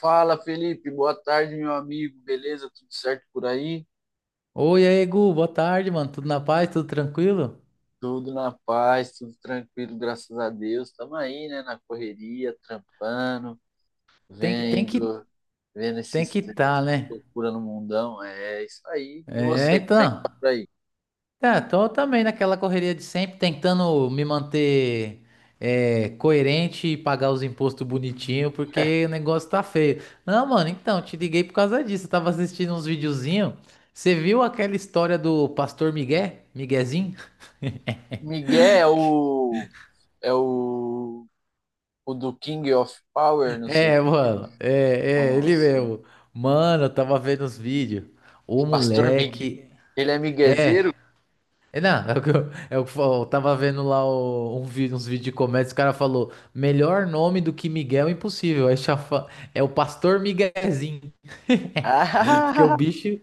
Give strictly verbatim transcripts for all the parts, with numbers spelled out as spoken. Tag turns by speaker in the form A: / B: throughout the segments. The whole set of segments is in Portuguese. A: Fala, Felipe. Boa tarde, meu amigo. Beleza? Tudo certo por aí?
B: Oi, aí, Gu, boa tarde, mano. Tudo na paz, tudo tranquilo?
A: Tudo na paz, tudo tranquilo, graças a Deus. Estamos aí, né, na correria, trampando,
B: Tem que, tem que,
A: vendo, vendo
B: Tem
A: esses
B: que tá,
A: essa
B: né?
A: loucura no mundão. É isso aí. E
B: É,
A: você, como é que
B: então.
A: tá por aí?
B: É, tô também naquela correria de sempre, tentando me manter é, coerente e pagar os impostos bonitinho, porque o negócio tá feio. Não, mano, então, te liguei por causa disso. Eu tava assistindo uns videozinhos. Você viu aquela história do Pastor Miguel? Miguezinho?
A: Miguel é o, é o, o do King of Power, não sei
B: É, mano, é, é,
A: como
B: ele
A: assim.
B: mesmo. Mano, eu tava vendo os vídeos. O
A: Pastor Miguel.
B: moleque.
A: Ele é
B: É.
A: miguezeiro?
B: É, não, é o que eu, é o que eu, eu tava vendo lá o- um vídeo, uns vídeos de comédia, o cara falou, melhor nome do que Miguel é impossível, aí já fa- é o Pastor Miguezinho, porque o bicho,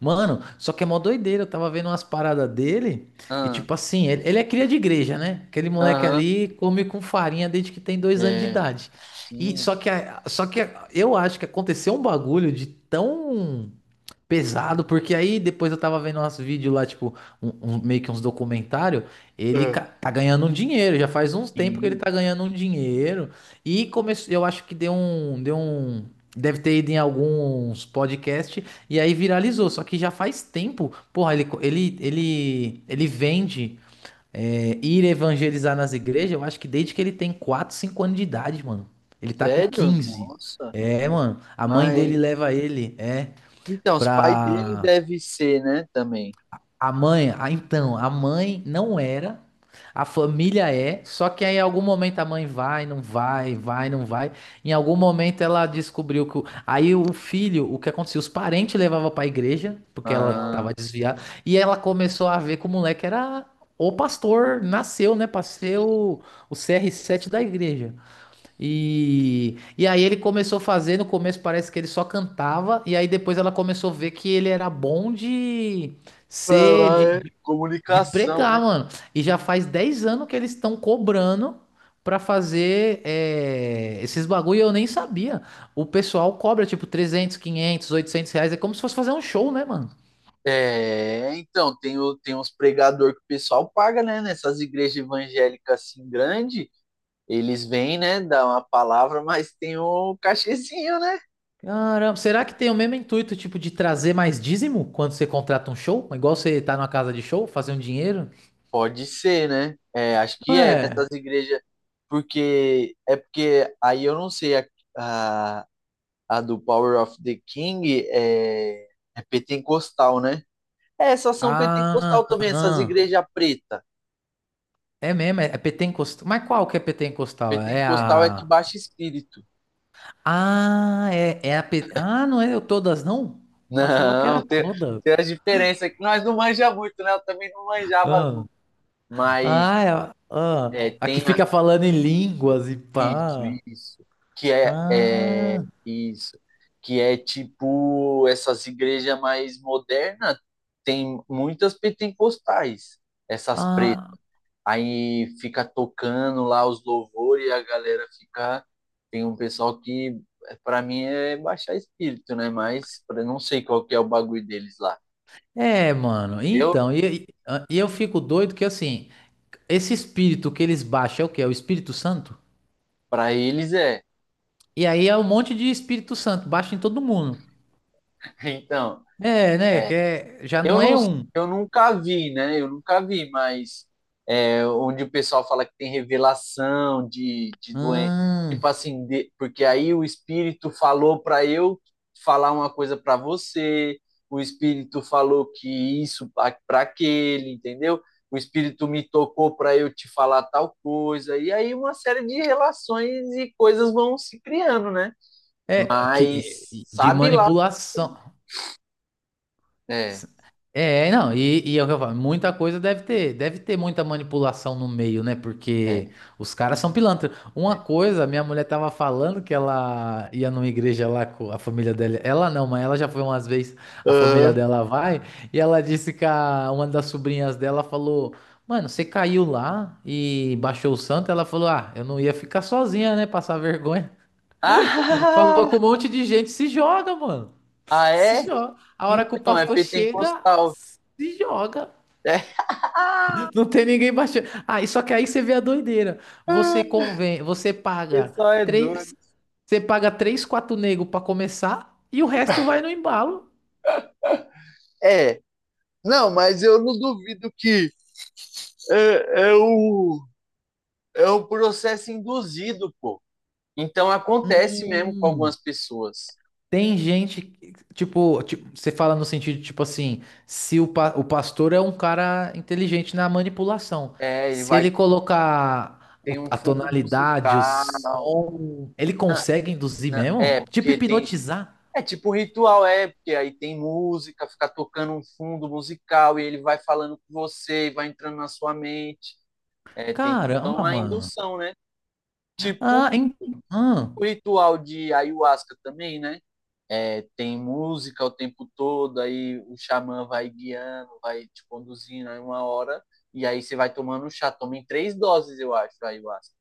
B: mano, só que é mó doideira, eu tava vendo umas paradas dele, e
A: Ah,
B: tipo assim, ele, ele é cria de igreja, né? Aquele moleque
A: aham.
B: ali come com farinha desde que tem dois anos de
A: É,
B: idade, e
A: sim.
B: só que, a- só que a- eu acho que aconteceu um bagulho de tão pesado, porque aí depois eu tava vendo uns vídeos lá, tipo, um, um- meio que uns documentários, ele
A: É.
B: ca- tá ganhando um dinheiro, já faz uns tempos que ele
A: Sim.
B: tá ganhando um dinheiro, e começou, eu acho que deu um, deu um, deve ter ido em alguns podcasts, e aí viralizou, só que já faz tempo, porra, ele, co- ele, ele, ele vende, é, ir evangelizar nas igrejas, eu acho que desde que ele tem quatro, cinco anos de idade, mano, ele tá com
A: Sério?
B: quinze.
A: Nossa.
B: É, mano, a mãe
A: Mas
B: dele leva ele, é.
A: então, os pais dele
B: Pra
A: devem ser, né, também.
B: a mãe, ah, então, a mãe não era, a família é, só que aí em algum momento a mãe vai, não vai, vai, não vai. Em algum momento ela descobriu que o- aí o filho, o que acontecia? Os parentes levavam pra igreja, porque ela
A: Ah,
B: tava desviada, e ela começou a ver que o moleque era o pastor, nasceu, né, pra ser o, o C R sete da igreja. E, e aí ele começou a fazer, no começo parece que ele só cantava, e aí depois ela começou a ver que ele era bom de ser, de,
A: falar é
B: de, de
A: comunicação, né?
B: pregar, mano. E já faz dez anos que eles estão cobrando pra fazer é, esses bagulho, e eu nem sabia. O pessoal cobra tipo trezentos quinhentos oitocentos reais, é como se fosse fazer um show, né, mano?
A: É, então, tem, o, tem uns pregador que o pessoal paga, né, nessas igrejas evangélicas assim grande, eles vêm, né, dar uma palavra, mas tem o cachezinho, né?
B: Caramba, será que tem o mesmo intuito, tipo, de trazer mais dízimo quando você contrata um show? Igual você tá numa casa de show, fazer um dinheiro?
A: Pode ser, né? É, acho que é
B: Ué.
A: nessas igrejas, porque é porque aí eu não sei a- a do Power of the King é, é pentecostal, né? É, essas são pentecostal
B: Ah,
A: também, essas
B: ah.
A: igrejas preta.
B: É mesmo, é, é P T encostal. Mas qual que é P T encostal? É
A: Pentecostal é que
B: a.
A: baixa espírito.
B: Ah, é, é a. P- Ah, não é eu todas, não? Eu achava que era
A: Não, tem,
B: toda.
A: tem a diferença que nós não manja muito, né? Eu também não manjava,
B: Ah,
A: não. Mas
B: ah, é a ah.
A: é,
B: A que
A: tem a-
B: fica falando em línguas e
A: isso,
B: pá.
A: isso, que é, é
B: Ah,
A: isso, que é tipo essas igrejas mais modernas tem muitas pentecostais, essas.
B: ah.
A: Aí fica tocando lá os louvores e a galera fica. Tem um pessoal que, para mim, é baixar espírito, né? Mas pra- não sei qual que é o bagulho deles lá,
B: É, mano.
A: entendeu?
B: Então, e, e ah, e eu fico doido que assim, esse espírito que eles baixam é o quê? É o Espírito Santo?
A: Para eles é.
B: E aí é um monte de Espírito Santo, baixa em todo mundo.
A: Então,
B: É, né? Que é- já
A: eu
B: não
A: não,
B: é um.
A: eu nunca vi, né? Eu nunca vi, mas onde o pessoal fala que tem revelação de, de doença.
B: Hum,
A: Tipo assim, de, porque aí o espírito falou para eu falar uma coisa para você, o espírito falou que isso para aquele, entendeu? O espírito me tocou para eu te falar tal coisa. E aí uma série de relações e coisas vão se criando, né?
B: é que
A: Mas
B: de
A: sabe lá.
B: manipulação.
A: É,
B: É, não, e, e é o que eu falo, muita coisa deve ter, deve ter muita manipulação no meio, né?
A: é,
B: Porque os caras são pilantras. Uma
A: é.
B: coisa, minha mulher tava falando que ela ia numa igreja lá com a família dela. Ela não, mas ela já foi umas vezes, a família dela vai, e ela disse que a- uma das sobrinhas dela falou: Mano, você caiu lá e baixou o santo? Ela falou: Ah, eu não ia ficar sozinha, né? Passar vergonha. Falou
A: Aham.
B: com
A: Ah,
B: um monte de gente, se joga, mano.
A: ah
B: Se
A: é?
B: joga. A hora que o
A: Então, é
B: pastor chega,
A: pentecostal.
B: se joga.
A: É. Ah.
B: Não tem ninguém baixando. Ah, e só que aí você vê a doideira. Você
A: O
B: convém, você paga
A: pessoal é doido.
B: três, Você paga três, quatro nego pra começar e o resto vai no embalo.
A: É, não, mas eu não duvido que é, é, o, é o processo induzido, pô. Então acontece mesmo com
B: Hum.
A: algumas pessoas.
B: Tem gente, que- tipo, ti- você fala no sentido, tipo assim, se o, pa- o pastor é um cara inteligente na manipulação,
A: É, ele
B: se
A: vai
B: ele colocar o-
A: tem um
B: a
A: fundo
B: tonalidade, o
A: musical,
B: som, ele consegue induzir
A: né? É,
B: mesmo? Tipo
A: porque tem.
B: hipnotizar?
A: É tipo um ritual, é, porque aí tem música, fica tocando um fundo musical e ele vai falando com você e vai entrando na sua mente. É, tem então
B: Caramba,
A: a
B: mano.
A: indução, né? Tipo
B: Ah, em ah,
A: o ritual de ayahuasca também, né? É, tem música o tempo todo, aí o xamã vai guiando, vai te conduzindo aí uma hora, e aí você vai tomando um chá, toma em três doses, eu acho, aí ayahuasca.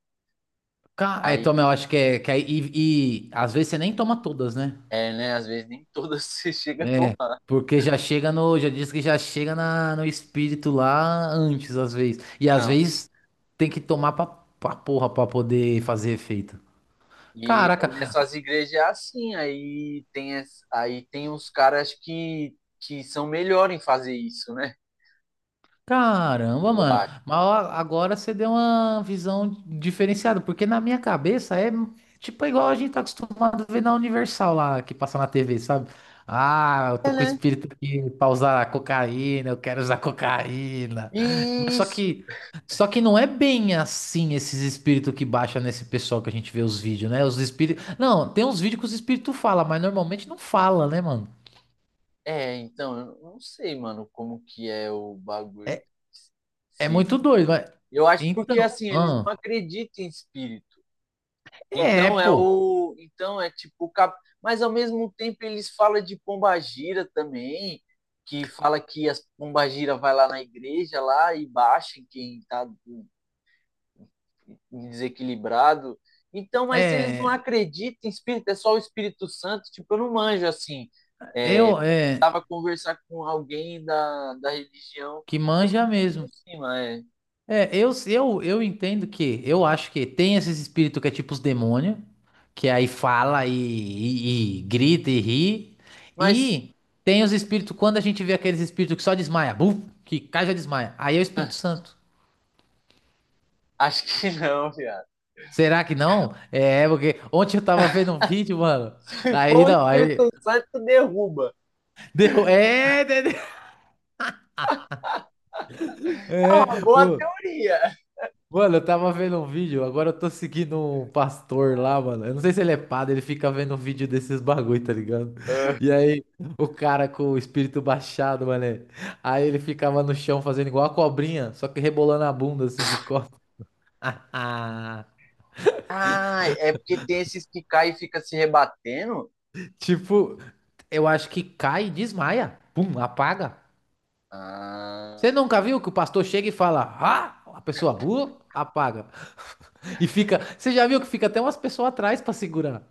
B: ca- é,
A: Aí,
B: toma, eu acho que é, que é- e, e às vezes você nem toma todas, né?
A: é, né, às vezes nem todas você chega a tomar.
B: Porque já chega no, já diz que já chega na, no espírito lá antes, às vezes. E às
A: Não.
B: vezes tem que tomar pra, pra porra pra poder fazer efeito.
A: E aí
B: Caraca,
A: nessas igrejas é assim, aí tem, as- aí tem uns caras que, que são melhores em fazer isso, né?
B: caramba,
A: Eu
B: mano.
A: acho.
B: Mas ó, agora você deu uma visão diferenciada, porque na minha cabeça é tipo igual a gente tá acostumado a ver na Universal lá, que passa na T V, sabe? Ah, eu
A: É,
B: tô com o
A: né?
B: espírito aqui pra usar cocaína, eu quero usar cocaína. Mas só
A: Isso.
B: que, só que não é bem assim esses espíritos que baixa nesse pessoal que a gente vê os vídeos, né? Os espíritos. Não, tem uns vídeos que os espíritos falam, mas normalmente não fala, né, mano?
A: É, então, eu não sei, mano, como que é o bagulho.
B: É é
A: Se
B: muito doido, mas.
A: Eu acho porque
B: Então,
A: assim, eles
B: ah,
A: não acreditam em espírito.
B: é,
A: Então é
B: pô.
A: o, então é tipo, cap- mas ao mesmo tempo eles falam de pombagira também, que fala que as pombagira vai lá na igreja lá e baixa em quem está desequilibrado. Então, mas se eles não
B: É,
A: acreditam em espírito, é só o Espírito Santo, tipo, eu não manjo assim.
B: eu, é,
A: Tava a conversar com alguém da, da religião,
B: que
A: eu só
B: manja mesmo.
A: falo por cima, é.
B: É, eu, eu, eu entendo que, eu acho que tem esses espíritos que é tipo os demônios, que aí fala e, e- e grita e ri,
A: Mas
B: e tem os espíritos, quando a gente vê aqueles espíritos que só desmaia, buf, que cai e já desmaia, aí é o Espírito Santo.
A: acho que não, viado.
B: Será que não? É, porque ontem eu tava vendo um vídeo, mano, aí
A: Bom, o
B: não, aí,
A: Espírito Santo derruba.
B: deu, é,
A: É
B: é,
A: uma boa teoria.
B: mano, eu tava vendo um vídeo, agora eu tô seguindo um pastor lá, mano. Eu não sei se ele é padre, ele fica vendo um vídeo desses bagulho, tá ligado?
A: É.
B: E aí, o cara com o espírito baixado, mano. É. Aí ele ficava no chão fazendo igual a cobrinha, só que rebolando a bunda assim de costas.
A: Ah, é porque tem esses que caem e fica se rebatendo?
B: Tipo, eu acho que cai e desmaia. Pum, apaga.
A: Ah.
B: Você nunca viu que o pastor chega e fala, ah, a pessoa burra, apaga. E fica, você já viu que fica até umas pessoas atrás pra segurar.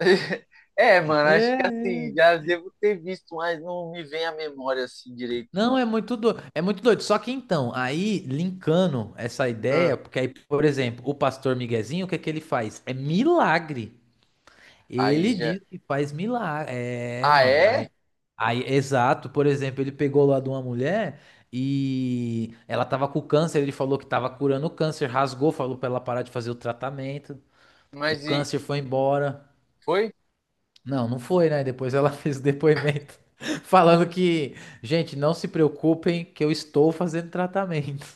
A: É, mano, acho que
B: É.
A: assim, já devo ter visto, mas não me vem à memória assim direito,
B: Não,
A: não.
B: é muito doido, é muito doido. Só que então, aí linkando essa
A: Ah.
B: ideia, porque aí, por exemplo, o pastor Miguezinho, o que é que ele faz? É milagre.
A: Aí
B: Ele
A: já.
B: diz que faz milagre. É,
A: Ah,
B: mano.
A: é?
B: Aí, aí, exato. Por exemplo, ele pegou lá de uma mulher e ela tava com câncer, ele falou que tava curando o câncer, rasgou, falou pra ela parar de fazer o tratamento. O
A: Mas e.
B: câncer foi embora.
A: Foi?
B: Não, não foi, né? Depois ela fez o depoimento falando que, gente, não se preocupem que eu estou fazendo tratamento.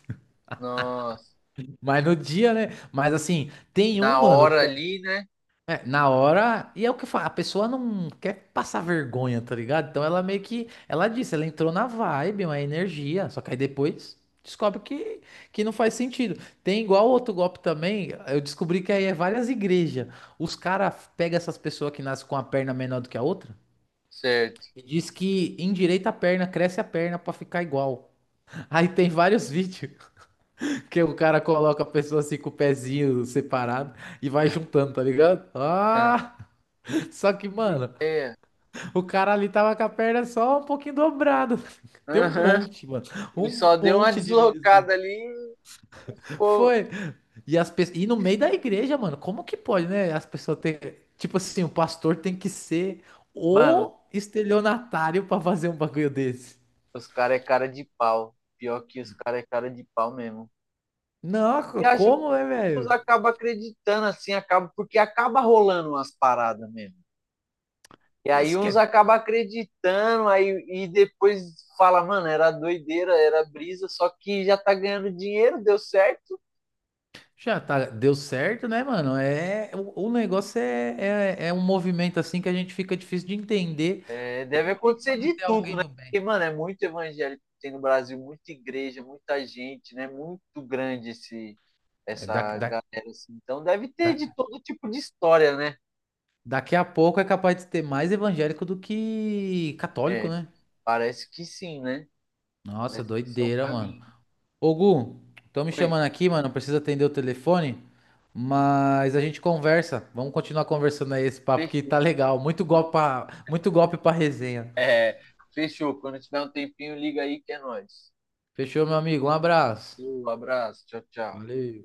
A: Nossa.
B: Mas no dia, né? Mas assim, tem um,
A: Na
B: mano,
A: hora
B: que
A: ali, né?
B: é, na hora, e é o que eu falo, a pessoa não quer passar vergonha, tá ligado? Então ela meio que, ela disse, ela entrou na vibe, uma energia, só que aí depois descobre que, que não faz sentido. Tem igual outro golpe também, eu descobri que aí é várias igrejas. Os caras pegam essas pessoas que nascem com a perna menor do que a outra.
A: Certo.
B: E diz que endireita a perna, cresce a perna pra ficar igual. Aí tem vários vídeos que o cara coloca a pessoa assim com o pezinho separado e vai juntando, tá ligado?
A: Ah,
B: Ah! Só que, mano,
A: ideia.
B: o cara ali tava com a perna só um pouquinho dobrada. Tem um
A: Aham.
B: monte, mano.
A: Ele
B: Um
A: só deu uma
B: monte de vídeo assim.
A: deslocada ali e ficou.
B: Foi. E, as pe... e no meio da igreja, mano, como que pode, né? As pessoas têm. Tipo assim, o pastor tem que ser
A: Mano,
B: o estelionatário pra fazer um bagulho desse.
A: os caras é cara de pau. Pior que os caras é cara de pau mesmo.
B: Não, co-
A: E acho que
B: como é,
A: uns
B: velho?
A: acabam acreditando, assim, acaba, porque acaba rolando umas paradas mesmo. E aí
B: Isso que
A: uns
B: é...
A: acabam acreditando, aí e depois fala, mano, era doideira, era brisa, só que já tá ganhando dinheiro, deu certo.
B: Já tá, deu certo, né, mano? É, o, o negócio é, é, é um movimento assim que a gente fica difícil de entender
A: É, deve
B: onde
A: acontecer
B: pode
A: de
B: ter
A: tudo,
B: alguém
A: né?
B: do
A: Porque,
B: bem.
A: mano, é muito evangélico tem no Brasil, muita igreja, muita gente, né? Muito grande esse,
B: É, da,
A: essa
B: da,
A: galera, assim. Então deve ter
B: da-
A: de todo tipo de história, né?
B: daqui a pouco é capaz de ter mais evangélico do que
A: É,
B: católico, né?
A: parece que sim, né?
B: Nossa,
A: Parece que esse é o
B: doideira, mano.
A: caminho.
B: Ô, Gu, estão me
A: Oi,
B: chamando aqui, mano. Precisa atender o telefone, mas a gente conversa. Vamos continuar conversando aí esse papo que tá
A: fechou.
B: legal. Muito golpe pra, muito golpe pra resenha.
A: É, fechou. Quando tiver um tempinho, liga aí que é nóis.
B: Fechou, meu amigo. Um abraço.
A: Um abraço, tchau, tchau.
B: Valeu.